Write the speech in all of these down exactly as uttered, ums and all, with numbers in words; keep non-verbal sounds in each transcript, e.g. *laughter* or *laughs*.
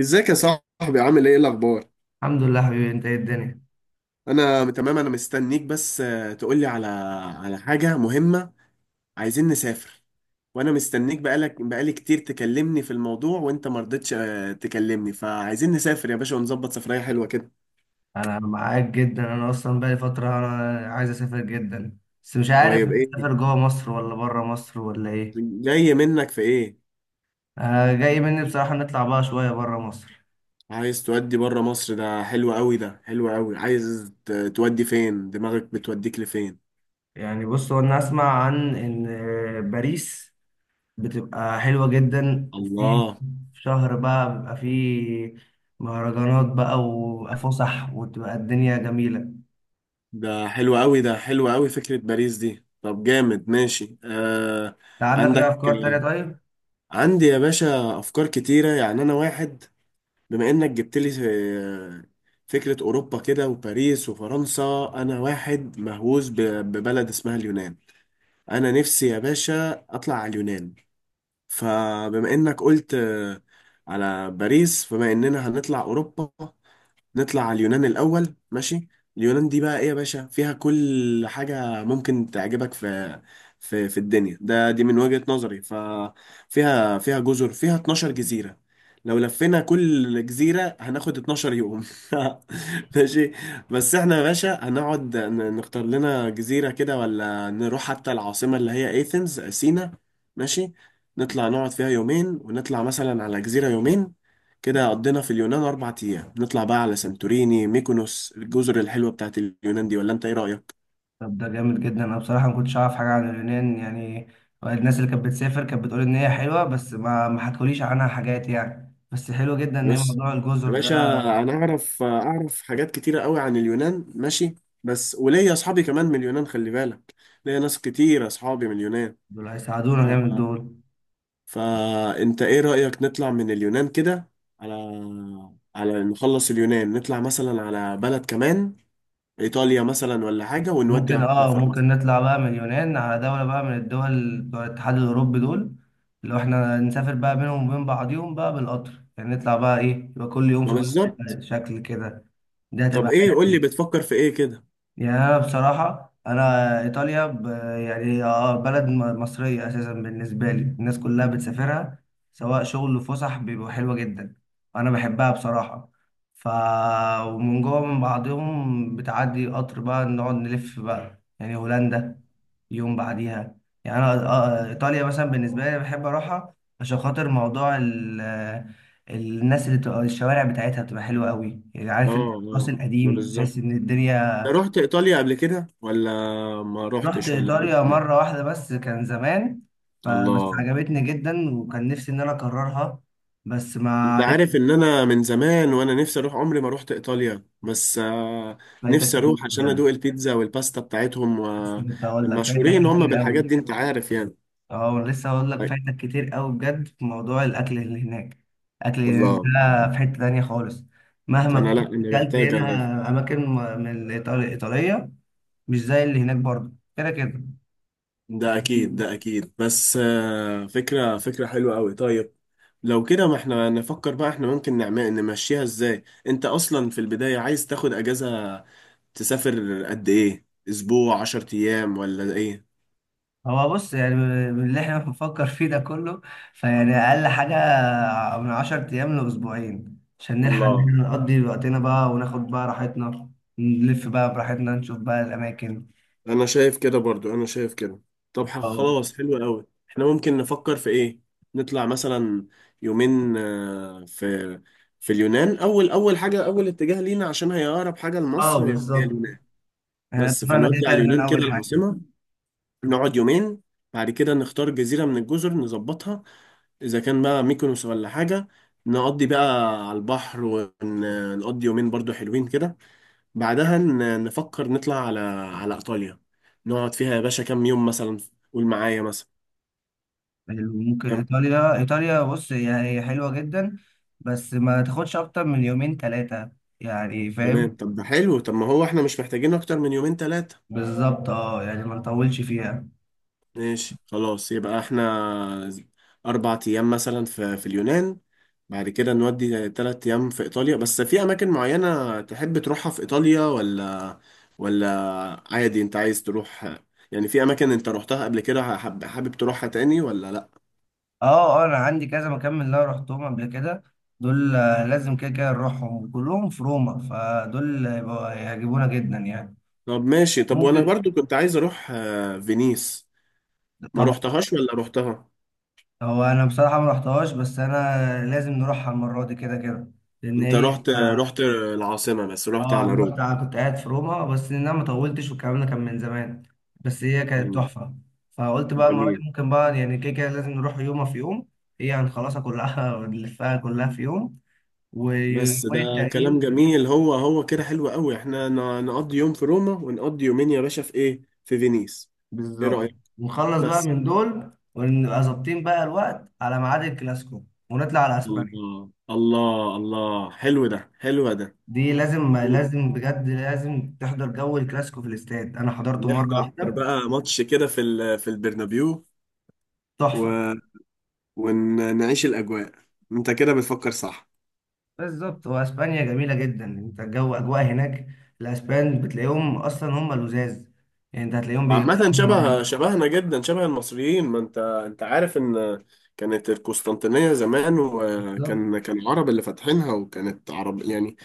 ازيك يا صاحبي، عامل ايه الاخبار؟ الحمد لله حبيبي، انت ايه الدنيا؟ انا تمام. انا مستنيك بس آه، تقولي على على حاجه مهمه. عايزين نسافر. وانا مستنيك بقالك بقالي كتير تكلمني في الموضوع وانت ما رضيتش، آه، تكلمني. فعايزين نسافر يا باشا، ونظبط سفريه حلوه كده. انا معاك جدا، انا اصلا بقالي فتره انا عايز اسافر جدا، بس مش عارف طيب ايه؟ اسافر جوه مصر ولا بره مصر ولا ايه. جاي منك في ايه؟ انا جاي مني بصراحه نطلع بقى شويه بره مصر. عايز تودي بره مصر. ده حلو قوي، ده حلو قوي. عايز ت- تودي فين؟ دماغك بتوديك لفين؟ يعني بص، هو انا اسمع عن ان باريس بتبقى حلوه جدا، وفي الله. شهر بقى بيبقى فيه مهرجانات بقى وفسح وتبقى الدنيا جميله. انت ده حلو قوي، ده حلو قوي. فكرة باريس دي طب جامد. ماشي. آه عندك اي عندك افكار تانية؟ طيب. عندي يا باشا أفكار كتيرة. يعني أنا واحد، بما إنك جبت لي آه، فكرة أوروبا كده وباريس وفرنسا، أنا واحد مهووس ب- ببلد اسمها اليونان. أنا نفسي يا باشا أطلع على اليونان. فبما إنك قلت آه، على باريس، فبما إننا هنطلع أوروبا، نطلع على اليونان الأول. ماشي. اليونان دي بقى إيه يا باشا؟ فيها كل حاجة ممكن تعجبك في في في الدنيا، ده دي من وجهة نظري. ففيها فيها جزر، فيها اتناشر جزيرة. لو لفينا كل جزيرة هناخد اتناشر يوم. *laughs* ماشي. بس احنا يا باشا هنقعد ن- نختار لنا جزيرة كده، ولا نروح حتى العاصمة اللي هي ايثنز سينا. ماشي. نطلع نقعد فيها يومين ونطلع مثلا على جزيرة يومين. كده قضينا في اليونان أربع أيام. نطلع بقى على سانتوريني، ميكونوس، الجزر الحلوة بتاعت اليونان دي. ولا أنت إيه رأيك؟ طب ده جامد جدا، انا بصراحه ما كنتش اعرف حاجه عن اليونان يعني. الناس اللي كانت بتسافر كانت بتقول ان هي حلوه بس ما ما حكوليش عنها حاجات يعني، بس حلو جدا ان هي بص موضوع يا الجزر ده. باشا، أنا أعرف أعرف حاجات كتيرة قوي عن اليونان. ماشي. بس وليا أصحابي كمان من اليونان، خلي بالك، ليا ناس كتير أصحابي من اليونان. دول ف- هيساعدونا جامد دول. فأنت إيه رأيك، نطلع من اليونان كده على على نخلص اليونان، نطلع مثلا على بلد كمان، إيطاليا مثلا ولا حاجة، ونودي ممكن على اه فرنسا. ممكن نطلع بقى من اليونان على دولة بقى من الدول بتوع الاتحاد الأوروبي دول. لو احنا نسافر بقى بينهم وبين بعضيهم بقى بالقطر يعني، نطلع بقى ايه، يبقى كل يوم ما في بالظبط. بلد شكل كده. ده طب هتبقى إيه؟ قول حلو. لي بتفكر في إيه كده؟ يا بصراحة أنا إيطاليا ب... يعني آه بلد م- مصرية أساسا بالنسبة لي، الناس كلها بتسافرها سواء شغل وفسح، بيبقوا حلوة جدا. أنا بحبها بصراحة. ف ومن جوه من بعضهم بتعدي قطر بقى نقعد نلف بقى يعني هولندا يوم بعديها. يعني أنا آه إيطاليا مثلا بالنسبة لي بحب أروحها عشان خاطر موضوع ال... الناس اللي بتبقى الشوارع بتاعتها بتبقى حلوة قوي، يعني اه عارف أنت الراس اه، ما القديم بالظبط. تحس إن الدنيا. انت رحت ايطاليا قبل كده ولا ما رحت رحتش ولا ايه؟ إيطاليا مرة واحدة بس كان زمان، فبس الله. عجبتني جدا وكان نفسي إن أنا أكررها، بس ما انت عرفت. عارف ان انا من زمان وانا نفسي اروح، عمري ما رحت ايطاليا، بس آه، فايتك نفسي كتير اروح عشان بجد. ادوق البيتزا والباستا بتاعتهم. لسه كنت هقول لك فايتك ومشهورين هم كتير أوي. بالحاجات دي انت عارف يعني. أه لسه هقول لك طيب. فايتك كتير أوي بجد في موضوع الأكل اللي هناك. الأكل اللي هناك الله ده الله. في حتة تانية خالص، مهما انا لا كنت انا أكلت محتاج. هنا أماكن م- من الإيطال- الإيطالية، مش زي اللي هناك برضه كده كده. ده اكيد، ده اكيد، بس آه، فكره، فكره حلوه قوي. طيب. لو كده ما احنا نفكر بقى، احنا ممكن نعمل نمشيها ازاي؟ انت اصلا في البدايه عايز تاخد اجازه تسافر قد ايه؟ اسبوع، عشر ايام، ولا ايه؟ هو بص يعني من اللي احنا بنفكر فيه ده كله، فيعني اقل حاجه من 10 ايام لاسبوعين، عشان نلحق مم. ان الله. احنا نقضي وقتنا بقى وناخد بقى راحتنا، نلف بقى براحتنا نشوف بقى الاماكن. انا شايف كده برضو، انا شايف كده. طب ح- اه، خلاص حلو قوي. احنا ممكن نفكر في ايه، نطلع مثلا يومين آه، في في اليونان. اول، اول حاجه، اول اتجاه لينا عشان هي اقرب حاجه اه، لمصر هي بالظبط، اليونان. احنا بس اتفقنا كده فنودي كده على اليونان هنا كده، اول حاجه. العاصمة. نقعد يومين. بعد كده نختار جزيرة من الجزر، نظبطها إذا كان بقى ميكونوس ولا حاجة. نقضي بقى على البحر ونقضي يومين برضو حلوين كده. بعدها ن- نفكر نطلع على على إيطاليا. نقعد فيها يا باشا كام يوم مثلا؟ قول معايا مثلا ممكن كام. ايطاليا ايطاليا بص، هي هي حلوه جدا، بس ما تاخدش اكتر من يومين ثلاثه، يعني فاهم. تمام، طب ده حلو. طب ما هو احنا مش محتاجين أكتر من يومين تلاتة. بالظبط اه يعني ما نطولش فيها. ماشي خلاص. يبقى احنا أربع أيام مثلا في في اليونان، بعد كده نودي تلات أيام في إيطاليا. بس في أماكن معينة تحب تروحها في إيطاليا، ولا ولا عادي؟ أنت عايز تروح، يعني في أماكن أنت روحتها قبل كده حب حابب تروحها تاني ولا لأ؟ اه اه انا عندي كذا مكان من اللي انا رحتهم قبل كده، دول آه، لازم كده كده نروحهم كلهم في روما، فدول هيبقوا- هيعجبونا جدا يعني. طب ماشي. طب وأنا ممكن. برضو كنت عايز أروح آه، فينيس. ما طبعا. روحتهاش ولا روحتها؟ هو انا بصراحة ما رحتهاش بس انا لازم نروحها المرة دي كده كده، لان أنت هي رحت اه رحت العاصمة بس، رحت آه، على انا روم. رحت، أنا كنت قاعد في روما بس ان انا ما طولتش والكلام ده كان من زمان، بس هي كانت مم. تحفة. فقلت بقى المرة دي جميل. ممكن بقى يعني كده كده لازم نروح يومها في يوم، هي هنخلصها كلها *laughs* ونلفها كلها في يوم بس ويومين ده كلام التانيين. جميل. هو هو كده حلو قوي. احنا ن- نقضي يوم في روما ونقضي يومين يا باشا في ايه، في فينيس. ايه بالظبط، رأيك؟ ونخلص بقى بس. من دول ونبقى ظابطين بقى الوقت على ميعاد الكلاسيكو، ونطلع على اسبانيا. الله الله الله. حلو ده، حلو ده. دي لازم لازم بجد لازم تحضر جو الكلاسيكو في الاستاد، انا حضرته مره نحضر واحده، بقى ماتش كده في ال- في البرنابيو، تحفه. و... ونعيش الأجواء. انت كده بتفكر صح. بالظبط، واسبانيا جميله جدا، انت الجو اجواء هناك، الاسبان بتلاقيهم اصلا هم لزاز، يعني انت هتلاقيهم بي. عامة، شبه شبهنا جدا، شبه المصريين. ما انت انت عارف ان كانت القسطنطينية زمان، بالظبط. وكان كان العرب اللي فاتحينها، وكانت عرب يعني.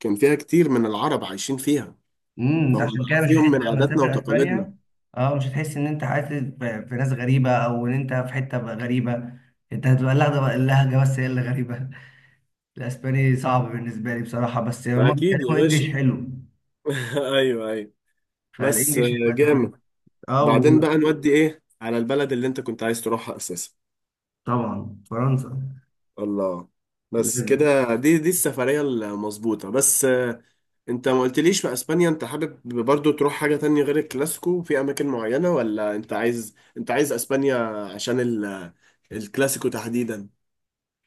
كان فيها كتير من العرب عايشين فيها، امم، انت فهم عشان كده مش فيهم هتحس من لما عاداتنا تسافر وتقاليدنا. اسبانيا، اه مش هتحس ان انت عايش في في ناس غريبه او ان انت في حته بقى غريبه، انت هتبقى لا ده بقى اللهجه بس هي اللي غريبه *laughs* الاسباني صعب بالنسبه لي بصراحه، بس ده هما اكيد يا بيتكلموا باشا. انجليش حلو، *laughs* ايوه ايوه. بس فالانجليش هيبقى تمام. جامد. اه بعدين و- بقى نودي ايه على البلد اللي انت كنت عايز تروحها اساسا؟ طبعا فرنسا. الله. بس لازم. كده، دي دي السفرية المظبوطة بس. انت ما قلتليش، في اسبانيا انت حابب برضو تروح حاجة تانية غير الكلاسيكو في اماكن معينة، ولا انت عايز انت عايز اسبانيا عشان ال... الكلاسيكو تحديدا؟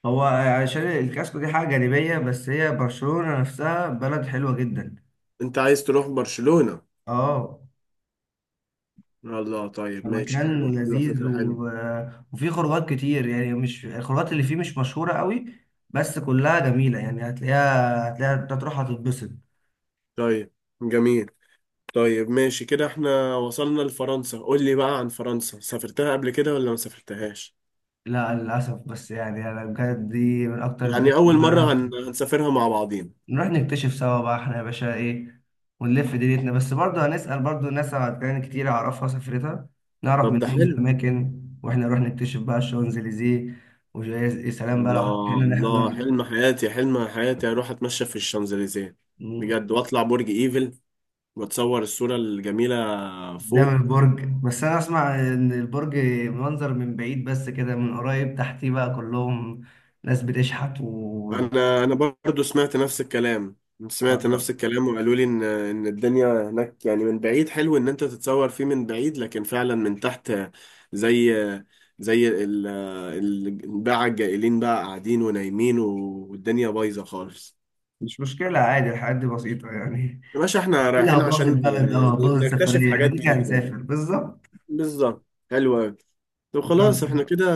هو عشان الكاسكو دي حاجه جانبيه، بس هي برشلونه نفسها بلد حلوه جدا. انت عايز تروح برشلونة؟ اه. الله طيب ماشي، حلوة، مكان حلوة، لذيذ فكرة حلوة. و... وفيه خروجات كتير، يعني مش الخروجات اللي فيه مش مشهورة قوي بس كلها جميلة يعني، هتلاقيها هتلاقيها انت تروح هتتبسط. طيب جميل. طيب ماشي كده، احنا وصلنا لفرنسا. قول لي بقى عن فرنسا، سافرتها قبل كده ولا ما سافرتهاش؟ لا للأسف، بس يعني أنا بجد دي من أكتر يعني البلاد اللي اول أنا مرة هن... عايز- هنسافرها مع بعضين. نروح نكتشف سوا بقى إحنا يا باشا إيه، ونلف دنيتنا، بس برضه هنسأل برضه ناس على كان كتير أعرفها سافرتها، نعرف طب ده منهم حلو. الأماكن وإحنا نروح نكتشف بقى الشانزليزيه. ويا سلام بقى لو الله هنا الله. نحضر حلم حياتي، حلم حياتي، اروح اتمشى في الشانزليزيه بجد، واطلع برج ايفل واتصور الصوره الجميله قدام فوق. البرج، بس انا اسمع ان البرج منظر من بعيد بس كده، من قريب تحتيه بقى كلهم ناس بتشحت و انا انا برضو سمعت نفس الكلام، سمعت آه، نفس الكلام، وقالوا لي ان ان الدنيا هناك يعني من بعيد حلو ان انت تتصور فيه من بعيد، لكن فعلا من تحت، زي زي ال- الباعة الجائلين بقى قاعدين ونايمين والدنيا بايظه خالص. مش مشكلة عادي الحاجات دي بسيطة يعني. يا باشا احنا لا رايحين باظ عشان البلد اه باظ نكتشف السفرية احنا حاجات كده كده جديده هنسافر يعني. بالظبط. بالظبط، حلو قوي. طب بالظبط. خلاص، احنا كده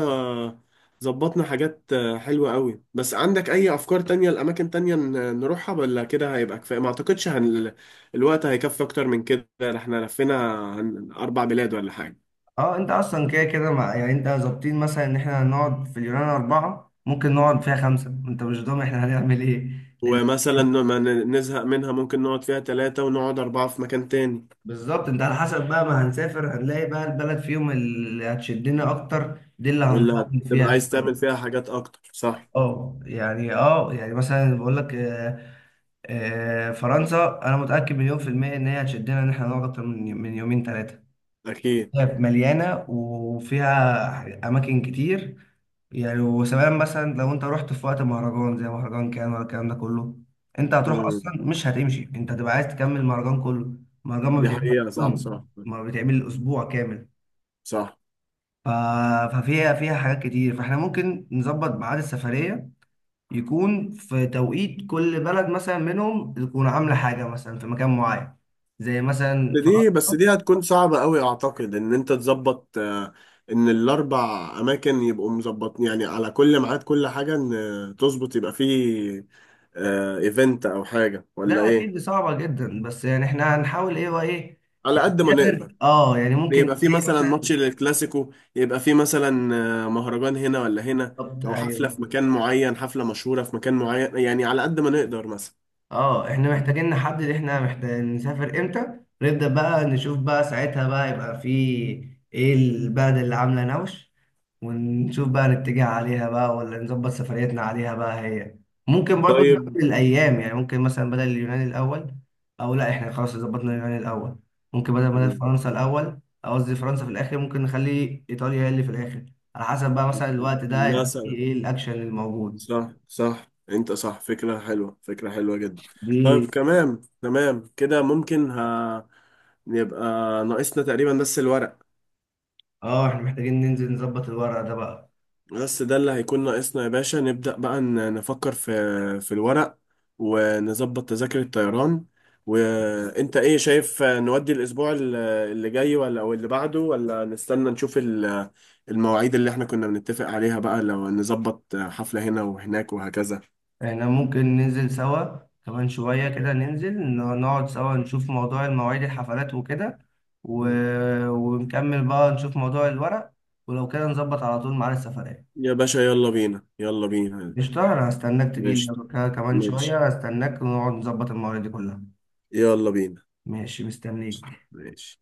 ظبطنا حاجات حلوة قوي. بس عندك اي افكار تانية لاماكن تانية ن- نروحها، ولا كده هيبقى كفاية؟ ما اعتقدش هن... الوقت هيكفي اكتر من كده، احنا لفينا عن اربع بلاد ولا حاجة. اه انت اصلا كده كده مع يعني انت ظابطين مثلا ان احنا هنقعد في اليونان اربعة، ممكن نقعد فيها خمسة، انت مش ضامن احنا هنعمل ايه، لان ومثلا ما ن- نزهق منها، ممكن نقعد فيها ثلاثة ونقعد اربعة في مكان تاني، بالظبط، انت على حسب بقى ما هنسافر هنلاقي بقى البلد فيهم اللي هتشدنا اكتر دي اللي ولا هنطول تبقى فيها عايز شويه. تعمل فيها حاجات اكتر، صح؟ اه يعني اه يعني مثلا بقول لك آه، آه، فرنسا انا متاكد مليون في الميه ان هي هتشدنا ان احنا نقعد اكتر من من يومين ثلاثه، اكيد. هي مليانه وفيها اماكن كتير. يعني وسواء مثلا لو انت رحت في وقت مهرجان زي مهرجان كان ولا الكلام ده كله، انت هتروح اصلا مم. مش هتمشي، انت هتبقى عايز تكمل المهرجان كله. المهرجان ما دي بيتعملش في حقيقة، صح، صح، يوم، ما بيتعمل اسبوع كامل. صح. ف- ففيها فيها حاجات كتير، فاحنا ممكن نظبط ميعاد السفرية يكون في توقيت كل بلد مثلا منهم تكون عاملة حاجة مثلا في مكان معين، زي مثلا فرنسا. دي، بس دي هتكون صعبة قوي، اعتقد ان انت تظبط آه، ان الاربع اماكن يبقوا مظبط يعني على كل ميعاد، كل حاجة، ان آه، تظبط يبقى فيه ايفنت او حاجة ولا ده ايه. أكيد صعبة جدا، بس يعني احنا هنحاول ايه وايه، على قد ما نسافر نقدر، اه يعني ممكن يبقى فيه زي مثلا مثلا. ماتش للكلاسيكو، يبقى فيه مثلا آه، مهرجان هنا ولا هنا، بالظبط او حفلة ايوه. في مكان معين، حفلة مشهورة في مكان معين، يعني على قد ما نقدر مثلا. اه احنا محتاجين نحدد، احنا محتاجين نسافر امتى، نبدأ بقى نشوف بقى ساعتها بقى يبقى في ايه البلد اللي عاملة نوش، ونشوف بقى نتجه عليها بقى ولا نظبط سفريتنا عليها بقى هي. ممكن برضو طيب. نقابل الايام، يعني ممكن مثلا بدل اليونان الاول، او لا احنا خلاص ظبطنا اليونان الاول، ممكن بدل بدل مم. فرنسا الاول، او قصدي فرنسا في الاخر، ممكن نخلي ايطاليا هي اللي في الاخر، على حسب بقى مثلا الوقت ده يبقى فيه مثلا. ايه الاكشن الموجود صح صح. انت صح، فكرة حلوة، فكرة حلوة جدا. طيب دي. تمام تمام كده، ممكن، ها، يبقى ناقصنا تقريبا بس الورق. اه احنا محتاجين ننزل نظبط الورق ده بقى. بس ده اللي هيكون ناقصنا يا باشا. نبدأ بقى ن- نفكر في في الورق، ونظبط تذاكر الطيران. وانت ايه شايف، نودي الاسبوع ال- اللي جاي، ولا او اللي بعده، ولا نستنى نشوف ال- المواعيد اللي احنا كنا بنتفق عليها بقى، لو نظبط حفلة هنا وهناك وهكذا؟ احنا ممكن ننزل سوا كمان شوية كده، ننزل ن- نقعد سوا نشوف موضوع المواعيد الحفلات وكده و... ونكمل بقى نشوف موضوع الورق، ولو كده نظبط على طول ميعاد السفرية. يا باشا يلا بينا، يلا بينا. قشطة، أنا هستناك تجيلي ماشي. ك- كمان ماشي. شوية، هستناك ونقعد نظبط المواعيد دي كلها. يلا بينا. ماشي مستنيك. ماشي.